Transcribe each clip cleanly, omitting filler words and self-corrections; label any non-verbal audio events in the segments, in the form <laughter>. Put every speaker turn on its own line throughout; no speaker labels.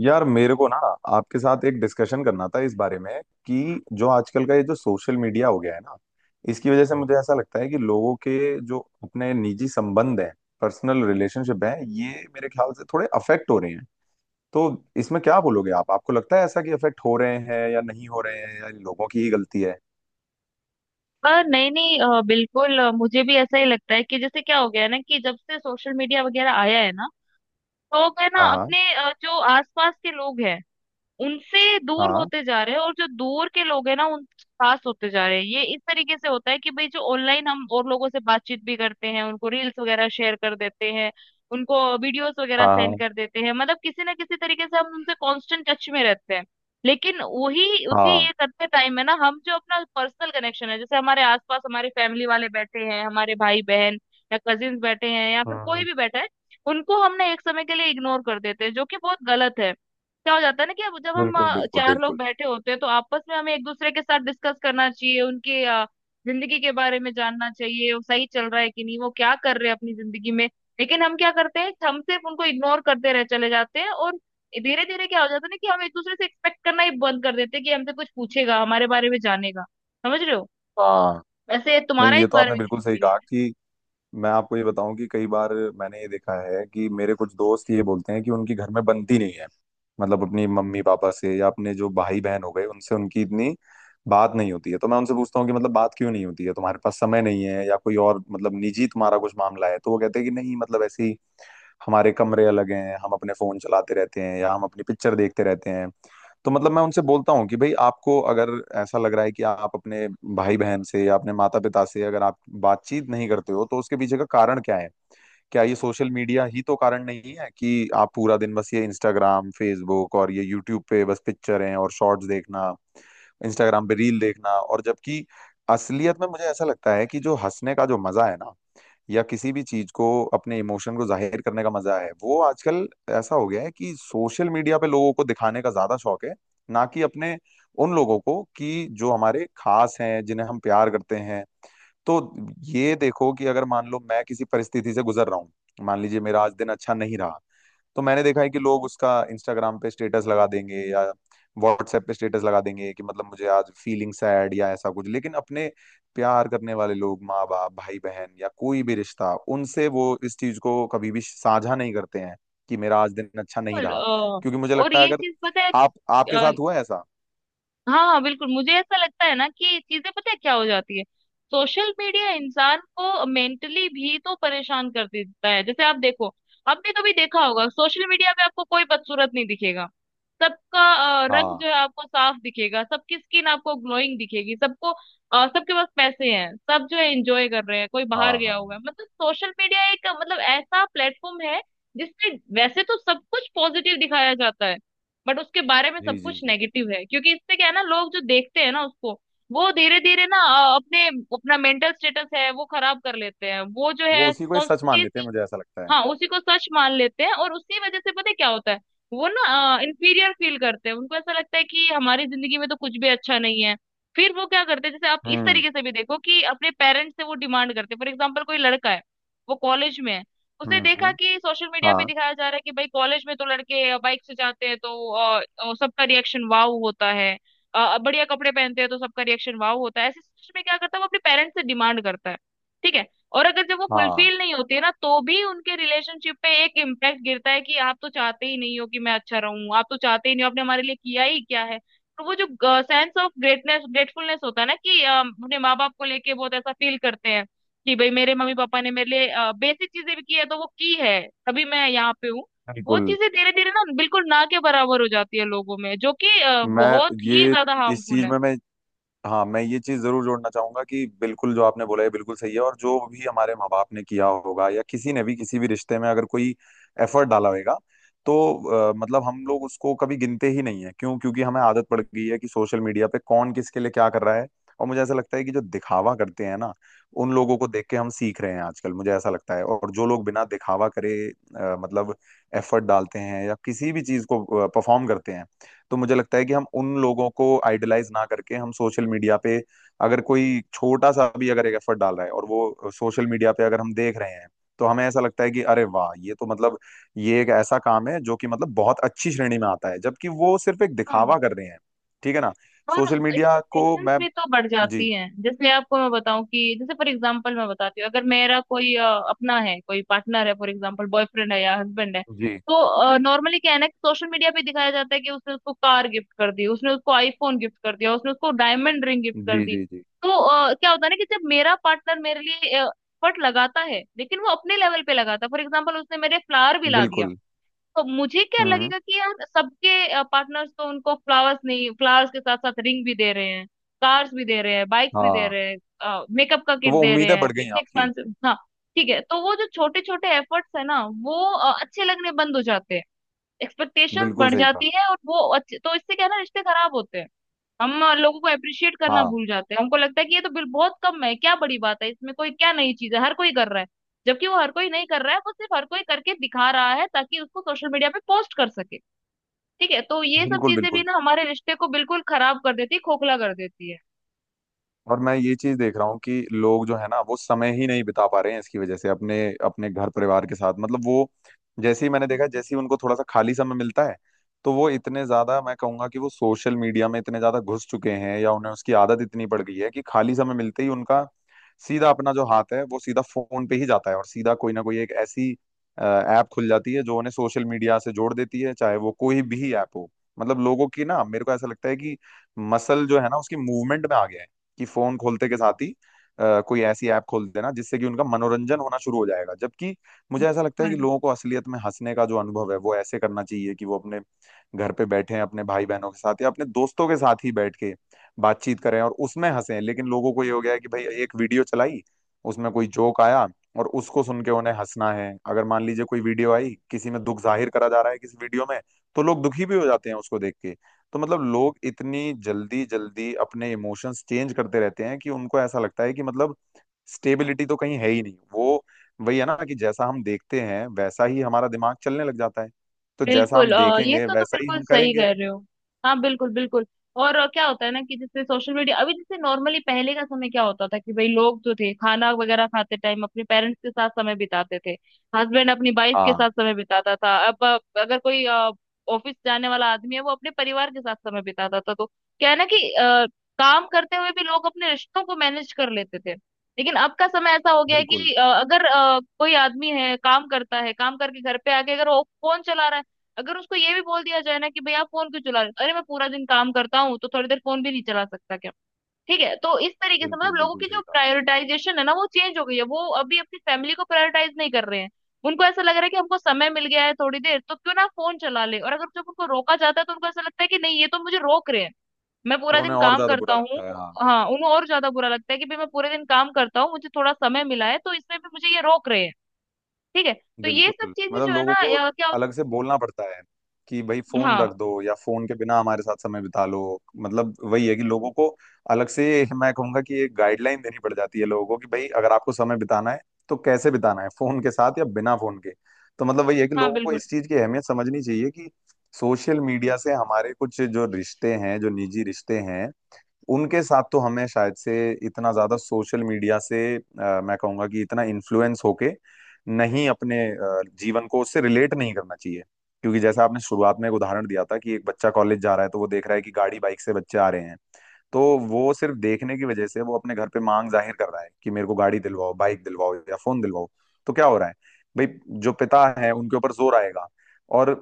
यार मेरे को ना आपके साथ एक डिस्कशन करना था इस बारे में कि जो आजकल का ये जो सोशल मीडिया हो गया है ना, इसकी वजह से मुझे ऐसा लगता है कि लोगों के जो अपने निजी संबंध हैं, पर्सनल रिलेशनशिप हैं, ये मेरे ख्याल से थोड़े अफेक्ट हो रहे हैं। तो इसमें क्या बोलोगे आप? आपको लगता है ऐसा कि अफेक्ट हो रहे हैं या नहीं हो रहे हैं, या इन लोगों की ही गलती है?
आ, नहीं नहीं अ, बिल्कुल, मुझे भी ऐसा ही लगता है कि जैसे क्या हो गया है ना कि जब से सोशल मीडिया वगैरह आया है ना। तो लोग है ना
हाँ।
अपने जो आसपास के लोग हैं उनसे दूर
हाँ।
होते जा रहे हैं, और जो दूर के लोग हैं ना उनसे पास होते जा रहे हैं। ये इस तरीके से होता है कि भाई जो ऑनलाइन हम और लोगों से बातचीत भी करते हैं, उनको रील्स वगैरह शेयर कर देते हैं, उनको वीडियोस वगैरह सेंड
हाँ।
कर देते हैं। मतलब किसी ना किसी तरीके से हम उनसे कांस्टेंट टच में रहते हैं। लेकिन वही
हाँ।
उसी
हाँ।
ये करते टाइम है ना, हम जो अपना पर्सनल कनेक्शन है, जैसे हमारे आसपास हमारे फैमिली वाले बैठे हैं, हमारे भाई बहन या कजिन्स बैठे हैं, या फिर कोई
हम्म।
भी बैठा है, उनको हमने एक समय के लिए इग्नोर कर देते हैं, जो कि बहुत गलत है। क्या हो जाता है ना कि अब जब हम
बिल्कुल बिल्कुल
चार लोग
बिल्कुल।
बैठे होते हैं, तो आपस में हमें एक दूसरे के साथ डिस्कस करना चाहिए उनके जिंदगी के बारे में जानना चाहिए, वो सही चल रहा है कि नहीं, वो क्या कर रहे हैं अपनी जिंदगी में। लेकिन हम क्या करते हैं, हम सिर्फ उनको इग्नोर करते रह चले जाते हैं। और धीरे धीरे क्या हो जाता है ना कि हम एक दूसरे से एक्सपेक्ट करना ही बंद कर देते हैं कि हमसे कुछ पूछेगा, हमारे बारे में जानेगा। समझ रहे हो?
हाँ।
वैसे तुम्हारा
नहीं, ये
इस
तो
बारे
आपने
में क्या
बिल्कुल सही कहा
ओपिनियन है?
कि मैं आपको ये बताऊं कि कई बार मैंने ये देखा है कि मेरे कुछ दोस्त ये बोलते हैं कि उनकी घर में बनती नहीं है। मतलब अपनी मम्मी पापा से या अपने जो भाई बहन हो गए, उनसे उनकी इतनी बात नहीं होती है। तो मैं उनसे पूछता हूँ कि मतलब बात क्यों नहीं होती है, तुम्हारे पास समय नहीं है या कोई और मतलब निजी तुम्हारा कुछ मामला है? तो वो कहते हैं कि नहीं, मतलब ऐसे ही हमारे कमरे अलग हैं, हम अपने फोन चलाते रहते हैं या हम अपनी पिक्चर देखते रहते हैं। तो मतलब मैं उनसे बोलता हूँ कि भाई आपको अगर ऐसा लग रहा है कि आप अपने भाई बहन से या अपने माता पिता से अगर आप बातचीत नहीं करते हो, तो उसके पीछे का कारण क्या है? क्या ये सोशल मीडिया ही तो कारण नहीं है कि आप पूरा दिन बस ये इंस्टाग्राम, फेसबुक और ये यूट्यूब पे बस पिक्चर हैं और शॉर्ट्स देखना, इंस्टाग्राम पे रील देखना। और जबकि असलियत में मुझे ऐसा लगता है कि जो हंसने का जो मजा है ना, या किसी भी चीज को अपने इमोशन को जाहिर करने का मजा है, वो आजकल ऐसा हो गया है कि सोशल मीडिया पे लोगों को दिखाने का ज्यादा शौक है, ना कि अपने उन लोगों को कि जो हमारे खास हैं, जिन्हें हम प्यार करते हैं। तो ये देखो कि अगर मान लो मैं किसी परिस्थिति से गुजर रहा हूँ, मान लीजिए मेरा आज दिन अच्छा नहीं रहा, तो मैंने देखा है कि लोग उसका इंस्टाग्राम पे स्टेटस लगा देंगे या व्हाट्सएप पे स्टेटस लगा देंगे कि मतलब मुझे आज फीलिंग सैड या ऐसा कुछ, लेकिन अपने प्यार करने वाले लोग, माँ बाप, भाई बहन या कोई भी रिश्ता, उनसे वो इस चीज को कभी भी साझा नहीं करते हैं कि मेरा आज दिन अच्छा नहीं
बिल्कुल।
रहा।
अ,
क्योंकि मुझे
और
लगता है
ये
अगर
चीज पता है,
आप, आपके साथ हुआ है ऐसा?
हाँ हाँ बिल्कुल। मुझे ऐसा लगता है ना कि चीजें पता है क्या हो जाती है, सोशल मीडिया इंसान को मेंटली भी तो परेशान कर देता है। जैसे आप देखो, आपने कभी देखा होगा सोशल मीडिया पे आपको कोई बदसूरत नहीं दिखेगा। सबका रंग
हाँ।
जो है आपको साफ दिखेगा, सबकी स्किन आपको ग्लोइंग दिखेगी, सबको, सबके पास पैसे हैं, सब जो है एंजॉय कर रहे हैं, कोई बाहर
हाँ।
गया हुआ
हाँ।
है। मतलब सोशल मीडिया एक मतलब ऐसा प्लेटफॉर्म है जिसमें वैसे तो सब कुछ पॉजिटिव दिखाया जाता है, बट उसके बारे में
जी
सब
जी
कुछ
जी।
नेगेटिव है। क्योंकि इससे क्या है ना, लोग जो देखते हैं ना उसको, वो धीरे धीरे ना अपने अपना मेंटल स्टेटस है वो खराब कर लेते हैं। वो जो
वो
है
उसी को ही सच मान लेते
कॉन्स्टेंटली
हैं, मुझे ऐसा लगता है।
हाँ उसी को सच मान लेते हैं, और उसी वजह से पता है क्या होता है, वो ना इंफीरियर फील करते हैं। उनको ऐसा लगता है कि हमारी जिंदगी में तो कुछ भी अच्छा नहीं है। फिर वो क्या करते हैं, जैसे आप इस
हम्म।
तरीके से भी देखो कि अपने पेरेंट्स से वो डिमांड करते हैं। फॉर एग्जाम्पल, कोई लड़का है, वो कॉलेज में है, उसे
हम्म।
देखा
हम्म।
कि सोशल मीडिया पे
हाँ।
दिखाया जा रहा है कि भाई कॉलेज में तो लड़के बाइक से जाते हैं, तो सबका रिएक्शन वाव होता है। बढ़िया कपड़े पहनते हैं तो सबका रिएक्शन वाव होता है। ऐसे सिचुएशन में क्या करता है, वो अपने पेरेंट्स से डिमांड करता है। ठीक है? और अगर जब वो
हाँ।
फुलफिल नहीं होती है ना, तो भी उनके रिलेशनशिप पे एक इम्पैक्ट गिरता है कि आप तो चाहते ही नहीं हो कि मैं अच्छा रहूं, आप तो चाहते ही नहीं हो, आपने हमारे लिए किया ही क्या है। तो वो जो सेंस ऑफ ग्रेटनेस ग्रेटफुलनेस होता है ना कि, अपने माँ बाप को लेके बहुत ऐसा फील करते हैं कि भाई मेरे मम्मी पापा ने मेरे लिए बेसिक चीजें भी की है तो वो की है, तभी मैं यहाँ पे हूँ। वो
बिल्कुल।
चीजें धीरे धीरे ना बिल्कुल ना के बराबर हो जाती है लोगों में, जो कि
मैं
बहुत ही
ये
ज्यादा
इस
हार्मफुल
चीज
है।
में मैं हाँ, मैं ये चीज जरूर जोड़ना चाहूंगा कि बिल्कुल जो आपने बोला है बिल्कुल सही है, और जो भी हमारे माँ बाप ने किया होगा या किसी ने भी किसी भी रिश्ते में अगर कोई एफर्ट डाला होगा, तो मतलब हम लोग उसको कभी गिनते ही नहीं है। क्यों? क्योंकि हमें आदत पड़ गई है कि सोशल मीडिया पे कौन किसके लिए क्या कर रहा है। और मुझे ऐसा लगता है कि जो दिखावा करते हैं ना, उन लोगों को देख के हम सीख रहे हैं आजकल, मुझे ऐसा लगता है। और जो लोग बिना दिखावा करे मतलब एफर्ट डालते हैं या किसी भी चीज को परफॉर्म करते हैं, तो मुझे लगता है कि हम उन लोगों को आइडलाइज ना करके, हम सोशल मीडिया पे अगर कोई छोटा सा भी अगर एक एफर्ट डाल रहा है और वो सोशल मीडिया पे अगर हम देख रहे हैं, तो हमें ऐसा लगता है कि अरे वाह, ये तो मतलब ये एक ऐसा काम है जो कि मतलब बहुत अच्छी श्रेणी में आता है, जबकि वो सिर्फ एक
हाँ,
दिखावा कर रहे हैं। ठीक है ना?
और
सोशल मीडिया को
एक्सपेक्टेशंस
मैं।
भी तो बढ़
जी
जाती हैं। जैसे आपको मैं बताऊं कि जैसे फॉर एग्जांपल मैं बताती हूँ, अगर मेरा कोई अपना है, कोई पार्टनर है, फॉर एग्जांपल बॉयफ्रेंड है या हस्बैंड है,
जी
तो नॉर्मली क्या है ना कि सोशल मीडिया पे दिखाया जाता है कि उसने उसको कार गिफ्ट कर दी, उसने उसको आईफोन गिफ्ट कर दिया, उसने उसको डायमंड रिंग गिफ्ट कर
जी।
दी।
जी जी।
तो, क्या होता है ना कि जब मेरा पार्टनर मेरे लिए एफर्ट लगाता है, लेकिन वो अपने लेवल पे लगाता है, फॉर एग्जाम्पल उसने मेरे फ्लावर भी ला दिया,
बिल्कुल।
तो मुझे क्या
हम्म।
लगेगा कि यार सबके पार्टनर्स तो उनको फ्लावर्स नहीं, फ्लावर्स के साथ साथ रिंग भी दे रहे हैं, कार्स भी दे रहे हैं, बाइक्स भी दे
हाँ,
रहे हैं, मेकअप का
तो
किट
वो
दे रहे
उम्मीदें
हैं,
बढ़ गई
इतने
आपकी।
एक्सपेंसिव। हाँ ठीक है। तो वो जो छोटे छोटे एफर्ट्स है ना, वो अच्छे लगने बंद हो जाते हैं, एक्सपेक्टेशंस
बिल्कुल
बढ़
सही कहा।
जाती है, और वो अच्छे, तो इससे क्या है ना, रिश्ते खराब होते हैं। हम लोगों को अप्रिशिएट करना
हाँ
भूल जाते हैं। हमको लगता है कि ये तो बिल बहुत कम है, क्या बड़ी बात है इसमें, कोई क्या नई चीज है, हर कोई कर रहा है। जबकि वो हर कोई नहीं कर रहा है, वो सिर्फ हर कोई करके दिखा रहा है ताकि उसको सोशल मीडिया पे पोस्ट कर सके। ठीक है? तो ये सब
बिल्कुल
चीजें भी
बिल्कुल।
ना हमारे रिश्ते को बिल्कुल खराब कर देती है, खोखला कर देती
और मैं ये चीज देख रहा हूँ कि लोग जो है ना, वो समय ही नहीं बिता पा रहे हैं इसकी वजह से अपने अपने घर परिवार के साथ। मतलब वो जैसे ही मैंने देखा, जैसे ही उनको थोड़ा सा खाली समय मिलता है, तो वो इतने ज्यादा, मैं कहूंगा कि वो सोशल मीडिया में इतने ज्यादा घुस चुके हैं या उन्हें उसकी आदत इतनी पड़ गई है कि खाली समय मिलते ही उनका सीधा अपना जो हाथ है वो सीधा फोन पे ही जाता है, और सीधा कोई ना कोई एक ऐसी ऐप खुल जाती है जो उन्हें सोशल मीडिया से जोड़ देती है, चाहे वो कोई भी ऐप हो। मतलब लोगों की ना, मेरे को ऐसा लगता है कि मसल जो है ना उसकी मूवमेंट में आ गया है कि फोन खोलते के साथ ही कोई ऐसी ऐप खोल देना जिससे कि उनका मनोरंजन होना शुरू हो जाएगा। जबकि मुझे ऐसा लगता है
है।
कि लोगों को असलियत में हंसने का जो अनुभव है वो ऐसे करना चाहिए कि वो अपने घर पे बैठे अपने भाई बहनों के साथ या अपने दोस्तों के साथ ही बैठ के बातचीत करें और उसमें हंसें। लेकिन लोगों को ये हो गया है कि भाई एक वीडियो चलाई, उसमें कोई जोक आया और उसको सुन के उन्हें हंसना है। अगर मान लीजिए कोई वीडियो आई, किसी में दुख जाहिर करा जा रहा है किसी वीडियो में, तो लोग दुखी भी हो जाते हैं उसको देख के। तो मतलब लोग इतनी जल्दी जल्दी अपने इमोशंस चेंज करते रहते हैं कि उनको ऐसा लगता है कि मतलब स्टेबिलिटी तो कहीं है ही नहीं। वो वही है ना कि जैसा हम देखते हैं वैसा ही हमारा दिमाग चलने लग जाता है, तो जैसा
बिल्कुल
हम
अ, ये
देखेंगे
तो तुम
वैसा ही
बिल्कुल
हम
सही
करेंगे।
कह रहे हो। हाँ बिल्कुल बिल्कुल। और क्या होता है ना कि जैसे सोशल मीडिया अभी, जैसे नॉर्मली पहले का समय क्या होता था कि भाई लोग जो थे खाना वगैरह खाते टाइम अपने पेरेंट्स के साथ समय बिताते थे, हस्बैंड अपनी वाइफ के
हाँ।
साथ समय बिताता था। अब, अगर कोई ऑफिस जाने वाला आदमी है, वो अपने परिवार के साथ समय बिताता था। तो क्या है ना कि काम करते हुए भी लोग अपने रिश्तों को मैनेज कर लेते थे। लेकिन अब का समय ऐसा हो गया है
बिल्कुल
कि अगर कोई आदमी है काम करता है, काम करके घर पे आके अगर वो फोन चला रहा है, अगर उसको ये भी बोल दिया जाए ना कि भैया आप फोन क्यों चला रहे हो, अरे मैं पूरा दिन काम करता हूँ तो थोड़ी देर फोन भी नहीं चला सकता क्या? ठीक है? तो इस तरीके से
बिल्कुल।
मतलब लोगों
बिल्कुल
की जो
सही कहा।
प्रायोरिटाइजेशन है ना, वो चेंज हो गई है। वो अभी अपनी फैमिली को प्रायोरिटाइज नहीं कर रहे हैं। उनको ऐसा लग रहा है कि हमको समय मिल गया है थोड़ी देर, तो क्यों ना फोन चला ले। और अगर जब उनको रोका जाता है तो उनको ऐसा लगता है कि नहीं, ये तो मुझे रोक रहे हैं, मैं पूरा
तो
दिन
उन्हें और
काम
ज्यादा
करता
बुरा
हूँ।
लगता है, हाँ।
हाँ, उन्हें और ज्यादा बुरा लगता है कि भाई मैं पूरे दिन काम करता हूँ, मुझे थोड़ा समय मिला है, तो इसमें भी मुझे ये रोक रहे हैं। ठीक है? तो ये सब
बिल्कुल,
चीजें
मतलब
जो है
लोगों
ना,
को
या क्या,
अलग से बोलना पड़ता है कि भाई फोन रख
हाँ
दो या फोन के बिना हमारे साथ समय बिता लो। मतलब वही है कि लोगों को अलग से <laughs> मैं कहूंगा कि एक गाइडलाइन देनी पड़ जाती है लोगों को कि भाई अगर आपको समय बिताना है, तो कैसे बिताना है, फोन के साथ या बिना फोन के। तो मतलब वही है कि
हाँ
लोगों को
बिल्कुल
इस चीज की अहमियत समझनी चाहिए कि सोशल मीडिया से हमारे कुछ जो रिश्ते हैं, जो निजी रिश्ते हैं, उनके साथ तो हमें शायद से इतना ज्यादा सोशल मीडिया से मैं कहूंगा कि इतना इन्फ्लुएंस होके नहीं, अपने जीवन को उससे रिलेट नहीं करना चाहिए। क्योंकि जैसा आपने शुरुआत में एक उदाहरण दिया था कि एक बच्चा कॉलेज जा रहा है तो वो देख रहा है कि गाड़ी बाइक से बच्चे आ रहे हैं, तो वो सिर्फ देखने की वजह से वो अपने घर पे मांग जाहिर कर रहा है कि मेरे को गाड़ी दिलवाओ, बाइक दिलवाओ या फोन दिलवाओ। तो क्या हो रहा है, भाई जो पिता है उनके ऊपर जोर आएगा। और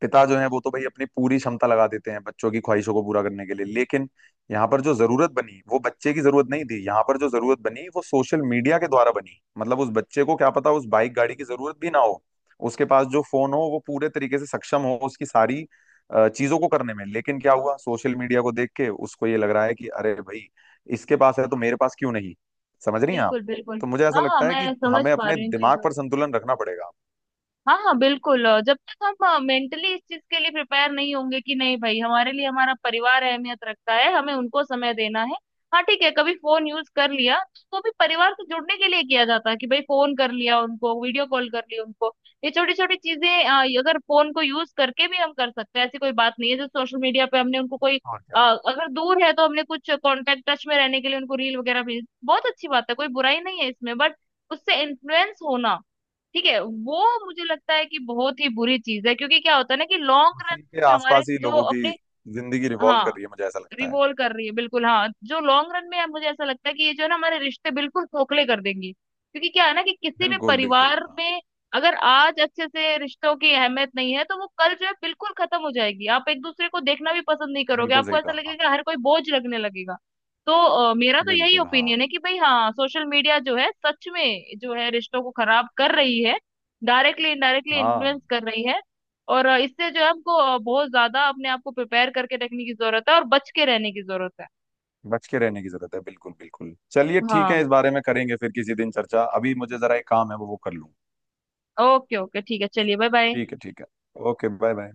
पिता जो है वो तो भाई अपनी पूरी क्षमता लगा देते हैं बच्चों की ख्वाहिशों को पूरा करने के लिए, लेकिन यहाँ पर जो जरूरत बनी वो बच्चे की जरूरत नहीं थी, यहाँ पर जो जरूरत बनी वो सोशल मीडिया के द्वारा बनी। मतलब उस बच्चे को क्या पता, उस बाइक गाड़ी की जरूरत भी ना हो, उसके पास जो फोन हो वो पूरे तरीके से सक्षम हो उसकी सारी चीजों को करने में। लेकिन क्या हुआ, सोशल मीडिया को देख के उसको ये लग रहा है कि अरे भाई इसके पास है तो मेरे पास क्यों नहीं। समझ रही हैं आप?
बिल्कुल बिल्कुल।
तो मुझे ऐसा
हाँ हाँ
लगता है कि
मैं समझ
हमें
पा
अपने
रही हूँ इन
दिमाग
चीजों।
पर संतुलन रखना पड़ेगा।
हाँ हाँ बिल्कुल, जब तक हम मेंटली इस चीज के लिए प्रिपेयर नहीं होंगे कि नहीं भाई हमारे लिए हमारा परिवार अहमियत रखता है, हमें उनको समय देना है। हाँ ठीक है, कभी फोन यूज कर लिया तो भी परिवार से जुड़ने के लिए किया जाता है कि भाई फोन कर लिया उनको, वीडियो कॉल कर लिया उनको, ये छोटी छोटी चीजें, ये अगर फोन को यूज करके भी हम कर सकते हैं, ऐसी कोई बात नहीं है जो सोशल मीडिया पे हमने उनको कोई
और
अ,
क्या,
अगर दूर है तो हमने कुछ कांटेक्ट टच में रहने के लिए उनको रील वगैरह भेज, बहुत अच्छी बात है, कोई बुराई नहीं है इसमें। बट उससे इन्फ्लुएंस होना, ठीक है, वो मुझे लगता है कि बहुत ही बुरी चीज है। क्योंकि क्या होता है ना कि लॉन्ग रन
उसी के
में हमारे
आसपास ही
जो
लोगों की
अपने,
जिंदगी रिवॉल्व
हाँ
कर रही है, मुझे ऐसा लगता है।
रिवॉल्व कर रही है बिल्कुल, हाँ जो लॉन्ग रन में यार मुझे ऐसा लगता है कि ये जो है ना हमारे रिश्ते बिल्कुल खोखले कर देंगी। क्योंकि क्या है ना कि किसी भी
बिल्कुल बिल्कुल।
परिवार
हाँ।
में अगर आज अच्छे से रिश्तों की अहमियत नहीं है, तो वो कल जो है बिल्कुल खत्म हो जाएगी। आप एक दूसरे को देखना भी पसंद नहीं करोगे,
बिल्कुल
आपको
सही
ऐसा
कहा, हाँ।
लगेगा, हर कोई बोझ लगने लगेगा। तो, मेरा तो यही
बिल्कुल, हाँ।
ओपिनियन है कि भाई हाँ, सोशल मीडिया जो है सच में जो है रिश्तों को खराब कर रही है, डायरेक्टली इनडायरेक्टली
हाँ,
इन्फ्लुएंस कर रही है। और इससे जो है हमको बहुत ज्यादा अपने आप को प्रिपेयर करके रखने की जरूरत है, और बच के रहने की जरूरत है।
बच के रहने की जरूरत है, बिल्कुल बिल्कुल। चलिए ठीक है,
हाँ
इस बारे में करेंगे फिर किसी दिन चर्चा, अभी मुझे जरा एक काम है, वो कर लूँ।
ओके ओके ठीक है, चलिए बाय बाय।
ठीक है ठीक है। Okay, bye bye.